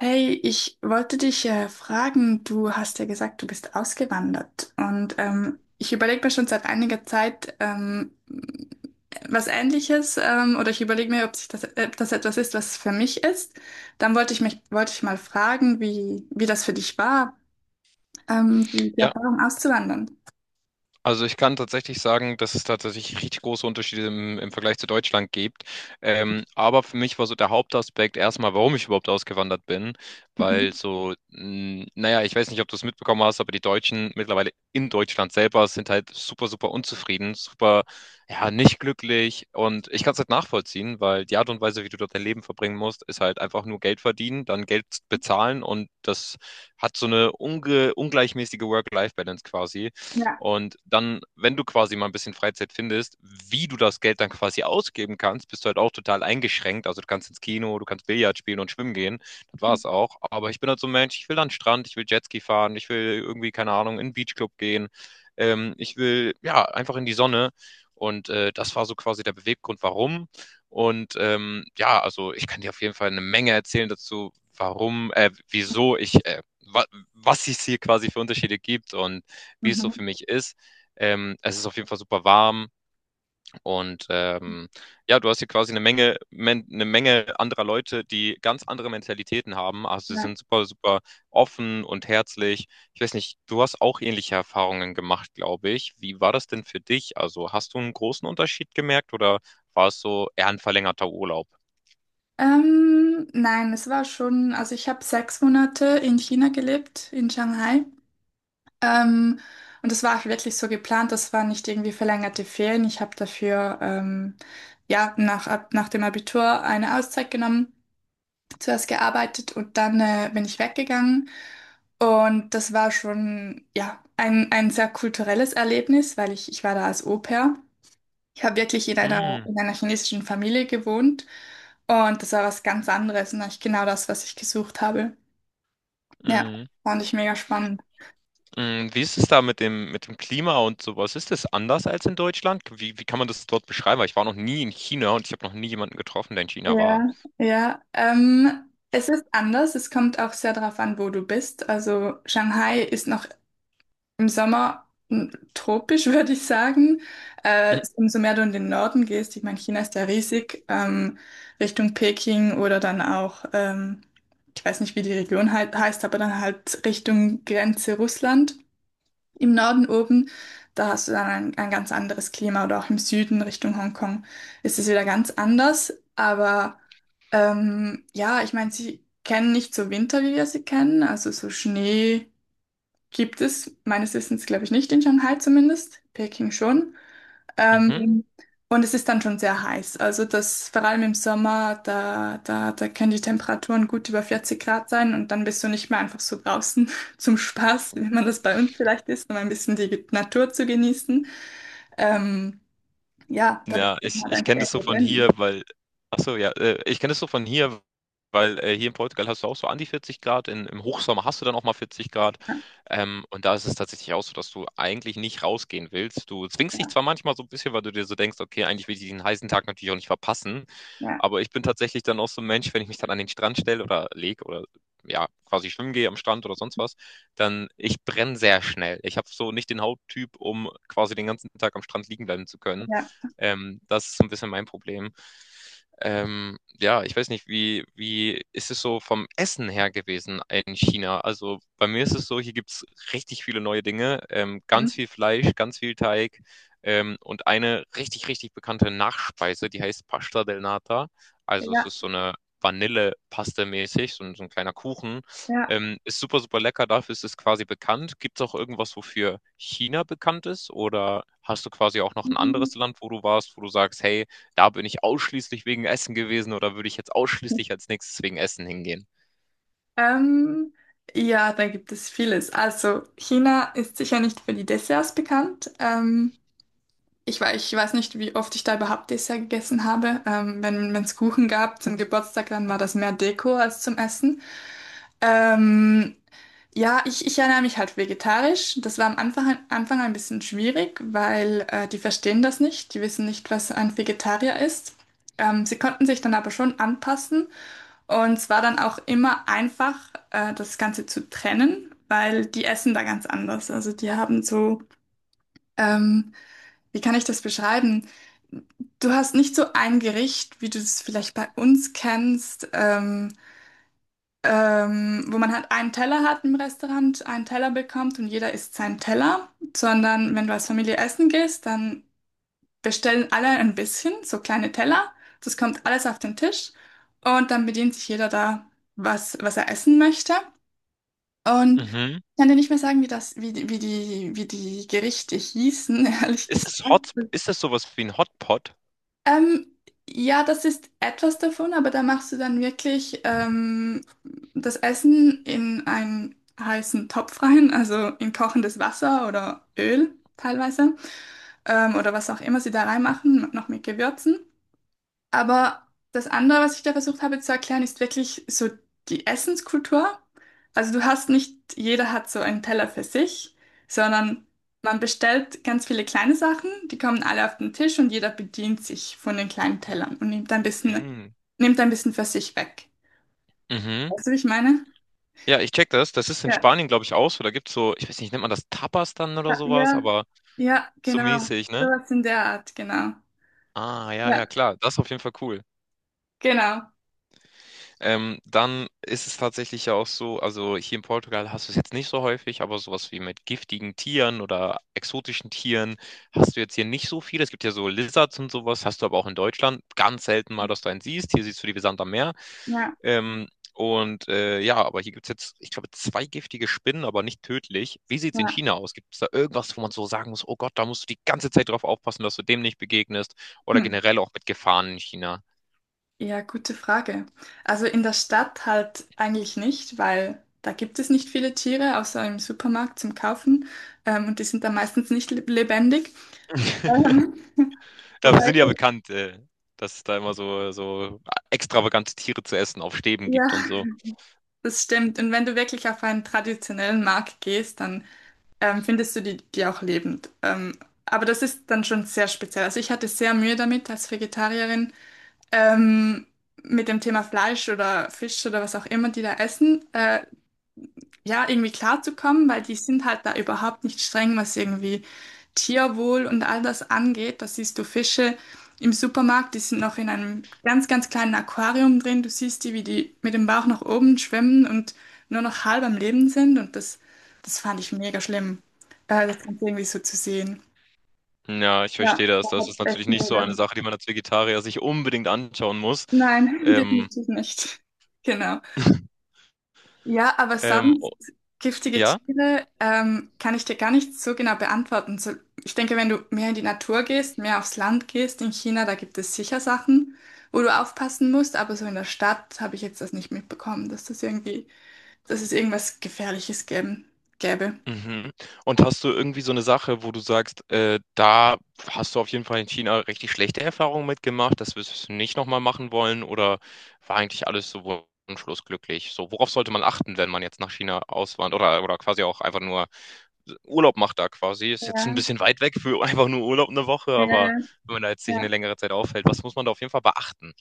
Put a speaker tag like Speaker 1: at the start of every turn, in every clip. Speaker 1: Hey, ich wollte dich fragen, du hast ja gesagt, du bist ausgewandert, und ich überlege mir schon seit einiger Zeit was Ähnliches, oder ich überlege mir, ob das etwas ist, was für mich ist. Dann wollte ich mal fragen, wie das für dich war, die
Speaker 2: Ja,
Speaker 1: Erfahrung auszuwandern.
Speaker 2: also ich kann tatsächlich sagen, dass es tatsächlich richtig große Unterschiede im Vergleich zu Deutschland gibt. Aber für mich war so der Hauptaspekt erstmal, warum ich überhaupt ausgewandert bin, weil
Speaker 1: Mhm.
Speaker 2: so, naja, ich weiß nicht, ob du es mitbekommen hast, aber die Deutschen mittlerweile in Deutschland selber sind halt super, super unzufrieden, super, ja, nicht glücklich. Und ich kann es halt nachvollziehen, weil die Art und Weise, wie du dort dein Leben verbringen musst, ist halt einfach nur Geld verdienen, dann Geld bezahlen, und das hat so eine unge ungleichmäßige Work-Life-Balance quasi.
Speaker 1: Ja.
Speaker 2: Und dann, wenn du quasi mal ein bisschen Freizeit findest, wie du das Geld dann quasi ausgeben kannst, bist du halt auch total eingeschränkt. Also du kannst ins Kino, du kannst Billard spielen und schwimmen gehen. Das war es auch. Aber ich bin halt so ein Mensch, ich will an den Strand, ich will Jetski fahren, ich will irgendwie, keine Ahnung, in den Beachclub gehen. Ich will, ja, einfach in die Sonne. Und das war so quasi der Beweggrund, warum. Und ja, also ich kann dir auf jeden Fall eine Menge erzählen dazu, warum, wieso ich, wa was es hier quasi für Unterschiede gibt und wie es so für
Speaker 1: Mhm.
Speaker 2: mich ist. Es ist auf jeden Fall super warm, und ja, du hast hier quasi eine Menge anderer Leute, die ganz andere Mentalitäten haben. Also sie
Speaker 1: Ja.
Speaker 2: sind super, super offen und herzlich. Ich weiß nicht, du hast auch ähnliche Erfahrungen gemacht, glaube ich. Wie war das denn für dich? Also hast du einen großen Unterschied gemerkt, oder war es so eher ein verlängerter Urlaub?
Speaker 1: Nein, es war schon, also ich habe 6 Monate in China gelebt, in Shanghai. Ähm, und das war auch wirklich so geplant, das waren nicht irgendwie verlängerte Ferien. Ich habe dafür, nach dem Abitur eine Auszeit genommen, zuerst gearbeitet und dann bin ich weggegangen. Und das war schon ja ein sehr kulturelles Erlebnis, weil ich war da als Au-pair. Ich habe wirklich in
Speaker 2: Mm,
Speaker 1: einer chinesischen Familie gewohnt, und das war was ganz anderes und eigentlich genau das, was ich gesucht habe. Ja,
Speaker 2: mm.
Speaker 1: fand ich mega spannend.
Speaker 2: Mm. Wie ist es da mit dem Klima und sowas? Ist es anders als in Deutschland? Wie kann man das dort beschreiben? Weil ich war noch nie in China, und ich habe noch nie jemanden getroffen, der in China war.
Speaker 1: Ja, ja. Es ist anders. Es kommt auch sehr darauf an, wo du bist. Also Shanghai ist noch im Sommer tropisch, würde ich sagen. Umso mehr du in den Norden gehst, ich meine, China ist ja riesig, Richtung Peking oder dann auch, ich weiß nicht, wie die Region halt heißt, aber dann halt Richtung Grenze Russland. Im Norden oben, da hast du dann ein ganz anderes Klima, oder auch im Süden Richtung Hongkong ist es wieder ganz anders. Aber ja, ich meine, sie kennen nicht so Winter, wie wir sie kennen. Also so Schnee gibt es meines Wissens, glaube ich, nicht in Shanghai zumindest, Peking schon.
Speaker 2: Mhm.
Speaker 1: Ähm, und es ist dann schon sehr heiß. Also das, vor allem im Sommer, da können die Temperaturen gut über 40 Grad sein, und dann bist du nicht mehr einfach so draußen zum Spaß, wie man das bei uns vielleicht ist, um ein bisschen die Natur zu genießen. Ähm, ja, da bist
Speaker 2: Ja,
Speaker 1: du dann
Speaker 2: ich,
Speaker 1: halt
Speaker 2: ich
Speaker 1: einfach
Speaker 2: kenne das so
Speaker 1: irgendwo
Speaker 2: von
Speaker 1: drin.
Speaker 2: hier, weil, ach so, ja, ich kenne das so von hier, weil hier in Portugal hast du auch so an die 40 Grad, im Hochsommer hast du dann auch mal 40 Grad.
Speaker 1: Ja,
Speaker 2: Und da ist es tatsächlich auch so, dass du eigentlich nicht rausgehen willst. Du zwingst dich
Speaker 1: ja,
Speaker 2: zwar manchmal so ein bisschen, weil du dir so denkst, okay, eigentlich will ich diesen heißen Tag natürlich auch nicht verpassen.
Speaker 1: ja,
Speaker 2: Aber ich bin tatsächlich dann auch so ein Mensch, wenn ich mich dann an den Strand stelle oder lege oder ja, quasi schwimmen gehe am Strand oder sonst was, dann ich brenne sehr schnell. Ich habe so nicht den Hauttyp, um quasi den ganzen Tag am Strand liegen bleiben zu können.
Speaker 1: ja,
Speaker 2: Das ist so ein bisschen mein Problem. Ja, ich weiß nicht, wie ist es so vom Essen her gewesen in China? Also bei mir ist es so, hier gibt's richtig viele neue Dinge,
Speaker 1: hm,
Speaker 2: ganz viel Fleisch, ganz viel Teig, und eine richtig, richtig bekannte Nachspeise, die heißt Pasta del Nata. Also es
Speaker 1: ja,
Speaker 2: ist so eine Vanillepaste mäßig, so, so ein kleiner Kuchen.
Speaker 1: ja.
Speaker 2: Ist super, super lecker, dafür ist es quasi bekannt. Gibt es auch irgendwas, wofür China bekannt ist? Oder hast du quasi auch noch ein
Speaker 1: Hm.
Speaker 2: anderes Land, wo du warst, wo du sagst, hey, da bin ich ausschließlich wegen Essen gewesen, oder würde ich jetzt ausschließlich als nächstes wegen Essen hingehen?
Speaker 1: Ähm, ja, da gibt es vieles. Also China ist sicher nicht für die Desserts bekannt. Ich weiß nicht, wie oft ich da überhaupt Dessert gegessen habe. Wenn es Kuchen gab zum Geburtstag, dann war das mehr Deko als zum Essen. Ähm, Ich ernähre mich halt vegetarisch. Das war Anfang ein bisschen schwierig, weil die verstehen das nicht. Die wissen nicht, was ein Vegetarier ist. Sie konnten sich dann aber schon anpassen, und es war dann auch immer einfach, das Ganze zu trennen, weil die essen da ganz anders. Also die haben so... Ähm, Wie kann ich das beschreiben? Du hast nicht so ein Gericht, wie du es vielleicht bei uns kennst, wo man halt einen Teller hat im Restaurant, einen Teller bekommt und jeder isst seinen Teller, sondern wenn du als Familie essen gehst, dann bestellen alle ein bisschen, so kleine Teller. Das kommt alles auf den Tisch, und dann bedient sich jeder da, was er essen möchte. Und ich
Speaker 2: Mhm.
Speaker 1: kann dir nicht mehr sagen, wie das, wie, die- wie die, wie die Gerichte hießen, ehrlich gesagt.
Speaker 2: Ist es sowas wie ein Hotpot?
Speaker 1: Ähm, ja, das ist etwas davon, aber da machst du dann wirklich das Essen in einen heißen Topf rein, also in kochendes Wasser oder Öl teilweise, oder was auch immer sie da reinmachen, noch mit Gewürzen. Aber das andere, was ich da versucht habe zu erklären, ist wirklich so die Essenskultur. Also du hast nicht, jeder hat so einen Teller für sich, sondern man bestellt ganz viele kleine Sachen, die kommen alle auf den Tisch, und jeder bedient sich von den kleinen Tellern und
Speaker 2: Mm.
Speaker 1: nimmt ein bisschen für sich weg.
Speaker 2: Mhm.
Speaker 1: Weißt du, wie ich meine?
Speaker 2: Ja, ich check das. Das ist in
Speaker 1: Ja,
Speaker 2: Spanien, glaube ich, auch so. Da gibt's so, ich weiß nicht, nennt man das Tapas dann oder
Speaker 1: ja,
Speaker 2: sowas,
Speaker 1: ja,
Speaker 2: aber
Speaker 1: ja,
Speaker 2: so
Speaker 1: genau.
Speaker 2: mäßig, ne?
Speaker 1: Sowas in der Art, genau.
Speaker 2: Ah, ja, ja,
Speaker 1: Ja,
Speaker 2: klar. Das ist auf jeden Fall cool.
Speaker 1: genau.
Speaker 2: Dann ist es tatsächlich ja auch so, also hier in Portugal hast du es jetzt nicht so häufig, aber sowas wie mit giftigen Tieren oder exotischen Tieren hast du jetzt hier nicht so viel. Es gibt ja so Lizards und sowas, hast du aber auch in Deutschland ganz selten mal, dass du einen siehst. Hier siehst du die wie Sand am Meer.
Speaker 1: Ja,
Speaker 2: Ähm, und ja, aber hier gibt es jetzt, ich glaube, zwei giftige Spinnen, aber nicht tödlich. Wie sieht es in China aus? Gibt es da irgendwas, wo man so sagen muss, oh Gott, da musst du die ganze Zeit drauf aufpassen, dass du dem nicht begegnest? Oder
Speaker 1: ja.
Speaker 2: generell auch mit Gefahren in China?
Speaker 1: Ja, gute Frage. Also in der Stadt halt eigentlich nicht, weil da gibt es nicht viele Tiere, außer im Supermarkt zum Kaufen. Und die sind dann meistens nicht lebendig. Ähm,
Speaker 2: Dafür
Speaker 1: Wobei,
Speaker 2: sind die ja bekannt, dass es da immer so extravagante Tiere zu essen auf Stäben
Speaker 1: ja,
Speaker 2: gibt und so.
Speaker 1: das stimmt. Und wenn du wirklich auf einen traditionellen Markt gehst, dann findest du die auch lebend. Aber das ist dann schon sehr speziell. Also ich hatte sehr Mühe damit als Vegetarierin, ähm, mit dem Thema Fleisch oder Fisch oder was auch immer die da essen. Ja, irgendwie klarzukommen, weil die sind halt da überhaupt nicht streng, was irgendwie Tierwohl und all das angeht. Da siehst du Fische im Supermarkt, die sind noch in einem ganz kleinen Aquarium drin. Du siehst die, wie die mit dem Bauch nach oben schwimmen und nur noch halb am Leben sind. Und das fand ich mega schlimm, das Ganze irgendwie so zu sehen.
Speaker 2: Ja, ich verstehe
Speaker 1: Ja, da
Speaker 2: das. Das
Speaker 1: hat
Speaker 2: ist natürlich
Speaker 1: echt
Speaker 2: nicht so eine
Speaker 1: mega.
Speaker 2: Sache, die man als Vegetarier sich unbedingt anschauen muss.
Speaker 1: Nein,
Speaker 2: Ähm,
Speaker 1: definitiv nicht. Genau. Ja, aber
Speaker 2: ähm, o-
Speaker 1: sonst giftige
Speaker 2: ja.
Speaker 1: Tiere, kann ich dir gar nicht so genau beantworten. So, ich denke, wenn du mehr in die Natur gehst, mehr aufs Land gehst, in China, da gibt es sicher Sachen, wo du aufpassen musst, aber so in der Stadt habe ich jetzt das nicht mitbekommen, dass es irgendwas Gefährliches gäbe.
Speaker 2: Mhm. Und hast du irgendwie so eine Sache, wo du sagst, da hast du auf jeden Fall in China richtig schlechte Erfahrungen mitgemacht, das wirst du nicht nochmal machen wollen, oder war eigentlich alles so wunschlos glücklich? So, worauf sollte man achten, wenn man jetzt nach China auswandert, oder quasi auch einfach nur Urlaub macht da quasi. Ist jetzt ein
Speaker 1: Ja,
Speaker 2: bisschen weit weg für einfach nur Urlaub eine Woche,
Speaker 1: ja,
Speaker 2: aber wenn man da jetzt sich eine
Speaker 1: ja.
Speaker 2: längere Zeit aufhält, was muss man da auf jeden Fall beachten?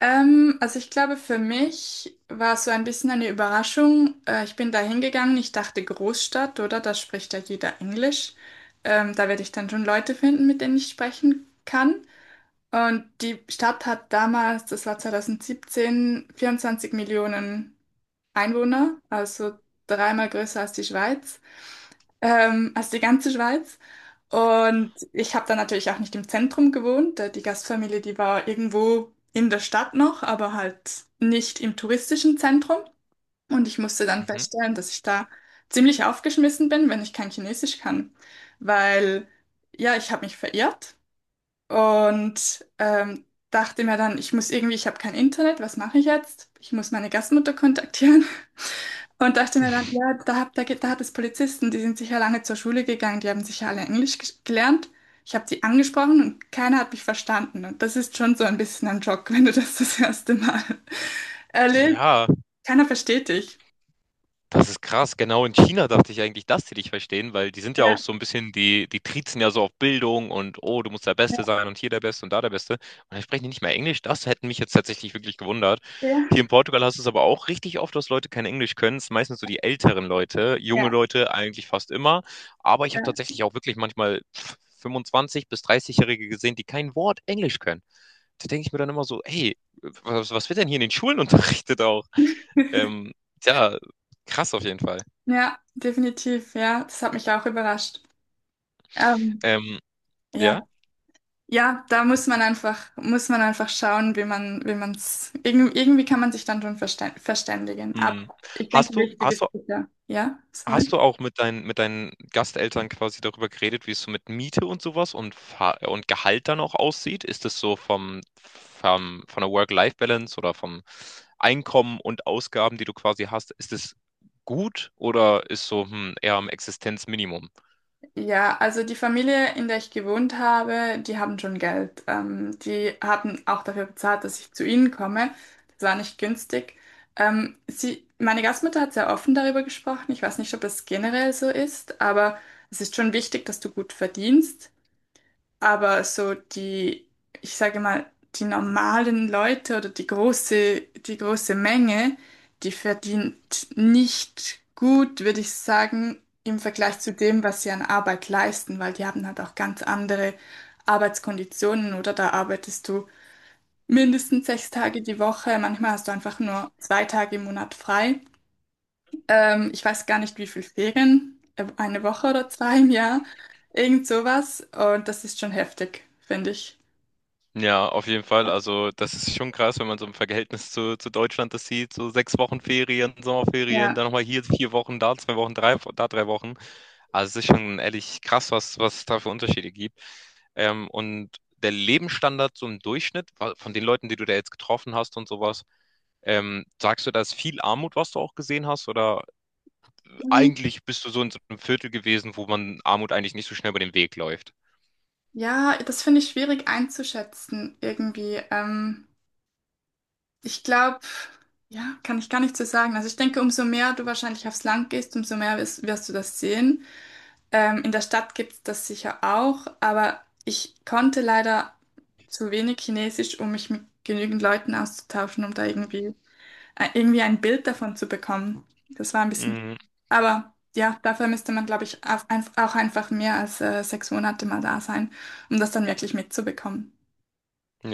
Speaker 1: Also ich glaube, für mich war es so ein bisschen eine Überraschung. Ich bin da hingegangen, ich dachte Großstadt, oder? Da spricht ja jeder Englisch. Da werde ich dann schon Leute finden, mit denen ich sprechen kann. Und die Stadt hat damals, das war 2017, 24 Millionen Einwohner, also dreimal größer als die Schweiz, als die ganze Schweiz. Und ich habe dann natürlich auch nicht im Zentrum gewohnt. Die Gastfamilie, die war irgendwo in der Stadt noch, aber halt nicht im touristischen Zentrum. Und ich musste dann
Speaker 2: Mhm.
Speaker 1: feststellen, dass ich da ziemlich aufgeschmissen bin, wenn ich kein Chinesisch kann. Weil, ja, ich habe mich verirrt. Und dachte mir dann, ich muss irgendwie, ich habe kein Internet, was mache ich jetzt? Ich muss meine Gastmutter kontaktieren. Und dachte mir dann, ja, da, hab, da, geht- da hat es Polizisten, die sind sicher lange zur Schule gegangen, die haben sicher alle Englisch gelernt. Ich habe die angesprochen und keiner hat mich verstanden. Und das ist schon so ein bisschen ein Schock, wenn du das erste Mal erlebst.
Speaker 2: Ja,
Speaker 1: Keiner versteht dich.
Speaker 2: das ist krass. Genau in China dachte ich eigentlich, dass die dich verstehen, weil die sind ja auch
Speaker 1: Ja,
Speaker 2: so ein bisschen, die, die triezen ja so auf Bildung, und oh, du musst der Beste
Speaker 1: ja,
Speaker 2: sein und hier der Beste und da der Beste. Und dann sprechen die nicht mehr Englisch. Das hätte mich jetzt tatsächlich wirklich gewundert. Hier in Portugal hast du es aber auch richtig oft, dass Leute kein Englisch können. Es sind meistens so die älteren Leute, junge
Speaker 1: ja,
Speaker 2: Leute eigentlich fast immer. Aber ich habe
Speaker 1: ja.
Speaker 2: tatsächlich auch wirklich manchmal 25- bis 30-Jährige gesehen, die kein Wort Englisch können. Da denke ich mir dann immer so, hey, was wird denn hier in den Schulen unterrichtet auch? Ähm, Tja, krass auf jeden Fall.
Speaker 1: Ja, definitiv, ja. Das hat mich auch überrascht. Ähm,
Speaker 2: Ähm, ja?
Speaker 1: ja. Ja, da muss man einfach schauen, wie man's, irgendwie kann man sich dann schon verständigen.
Speaker 2: Mhm.
Speaker 1: Aber ich denke,
Speaker 2: Hast du
Speaker 1: wichtig
Speaker 2: hast
Speaker 1: ist
Speaker 2: du
Speaker 1: sicher. Ja,
Speaker 2: hast
Speaker 1: sorry.
Speaker 2: du auch mit deinen Gasteltern quasi darüber geredet, wie es so mit Miete und so was und Fa und Gehalt dann auch aussieht? Ist das so vom vom von der Work-Life-Balance oder vom Einkommen und Ausgaben, die du quasi hast, ist es gut, oder ist so, eher am Existenzminimum?
Speaker 1: Ja, also die Familie, in der ich gewohnt habe, die haben schon Geld. Die haben auch dafür bezahlt, dass ich zu ihnen komme. Das war nicht günstig. Meine Gastmutter hat sehr offen darüber gesprochen. Ich weiß nicht, ob das generell so ist, aber es ist schon wichtig, dass du gut verdienst. Aber so die, ich sage mal, die normalen Leute oder die große Menge, die verdient nicht gut, würde ich sagen, im Vergleich zu dem, was sie an Arbeit leisten, weil die haben halt auch ganz andere Arbeitskonditionen. Oder da arbeitest du mindestens 6 Tage die Woche, manchmal hast du einfach nur 2 Tage im Monat frei. Ich weiß gar nicht, wie viel Ferien, eine Woche oder zwei im Jahr, irgend sowas, und das ist schon heftig, finde ich.
Speaker 2: Ja, auf jeden Fall. Also, das ist schon krass, wenn man so im Verhältnis zu Deutschland das sieht. So 6 Wochen Ferien, Sommerferien,
Speaker 1: Ja.
Speaker 2: dann nochmal hier 4 Wochen, da 2 Wochen, drei, da 3 Wochen. Also es ist schon ehrlich krass, was es da für Unterschiede gibt. Und der Lebensstandard so im Durchschnitt von den Leuten, die du da jetzt getroffen hast und sowas, sagst du, da ist viel Armut, was du auch gesehen hast? Oder
Speaker 1: Mhm.
Speaker 2: eigentlich bist du so in so einem Viertel gewesen, wo man Armut eigentlich nicht so schnell über den Weg läuft?
Speaker 1: Ja, das finde ich schwierig einzuschätzen irgendwie. Ich glaube, ja, kann ich gar nicht so sagen. Also ich denke, umso mehr du wahrscheinlich aufs Land gehst, umso mehr wirst du das sehen. In der Stadt gibt es das sicher auch, aber ich konnte leider zu wenig Chinesisch, um mich mit genügend Leuten auszutauschen, um da irgendwie, ein Bild davon zu bekommen. Das war ein bisschen.
Speaker 2: Mhm.
Speaker 1: Aber ja, dafür müsste man, glaube ich, auch einfach mehr als 6 Monate mal da sein, um das dann wirklich mitzubekommen.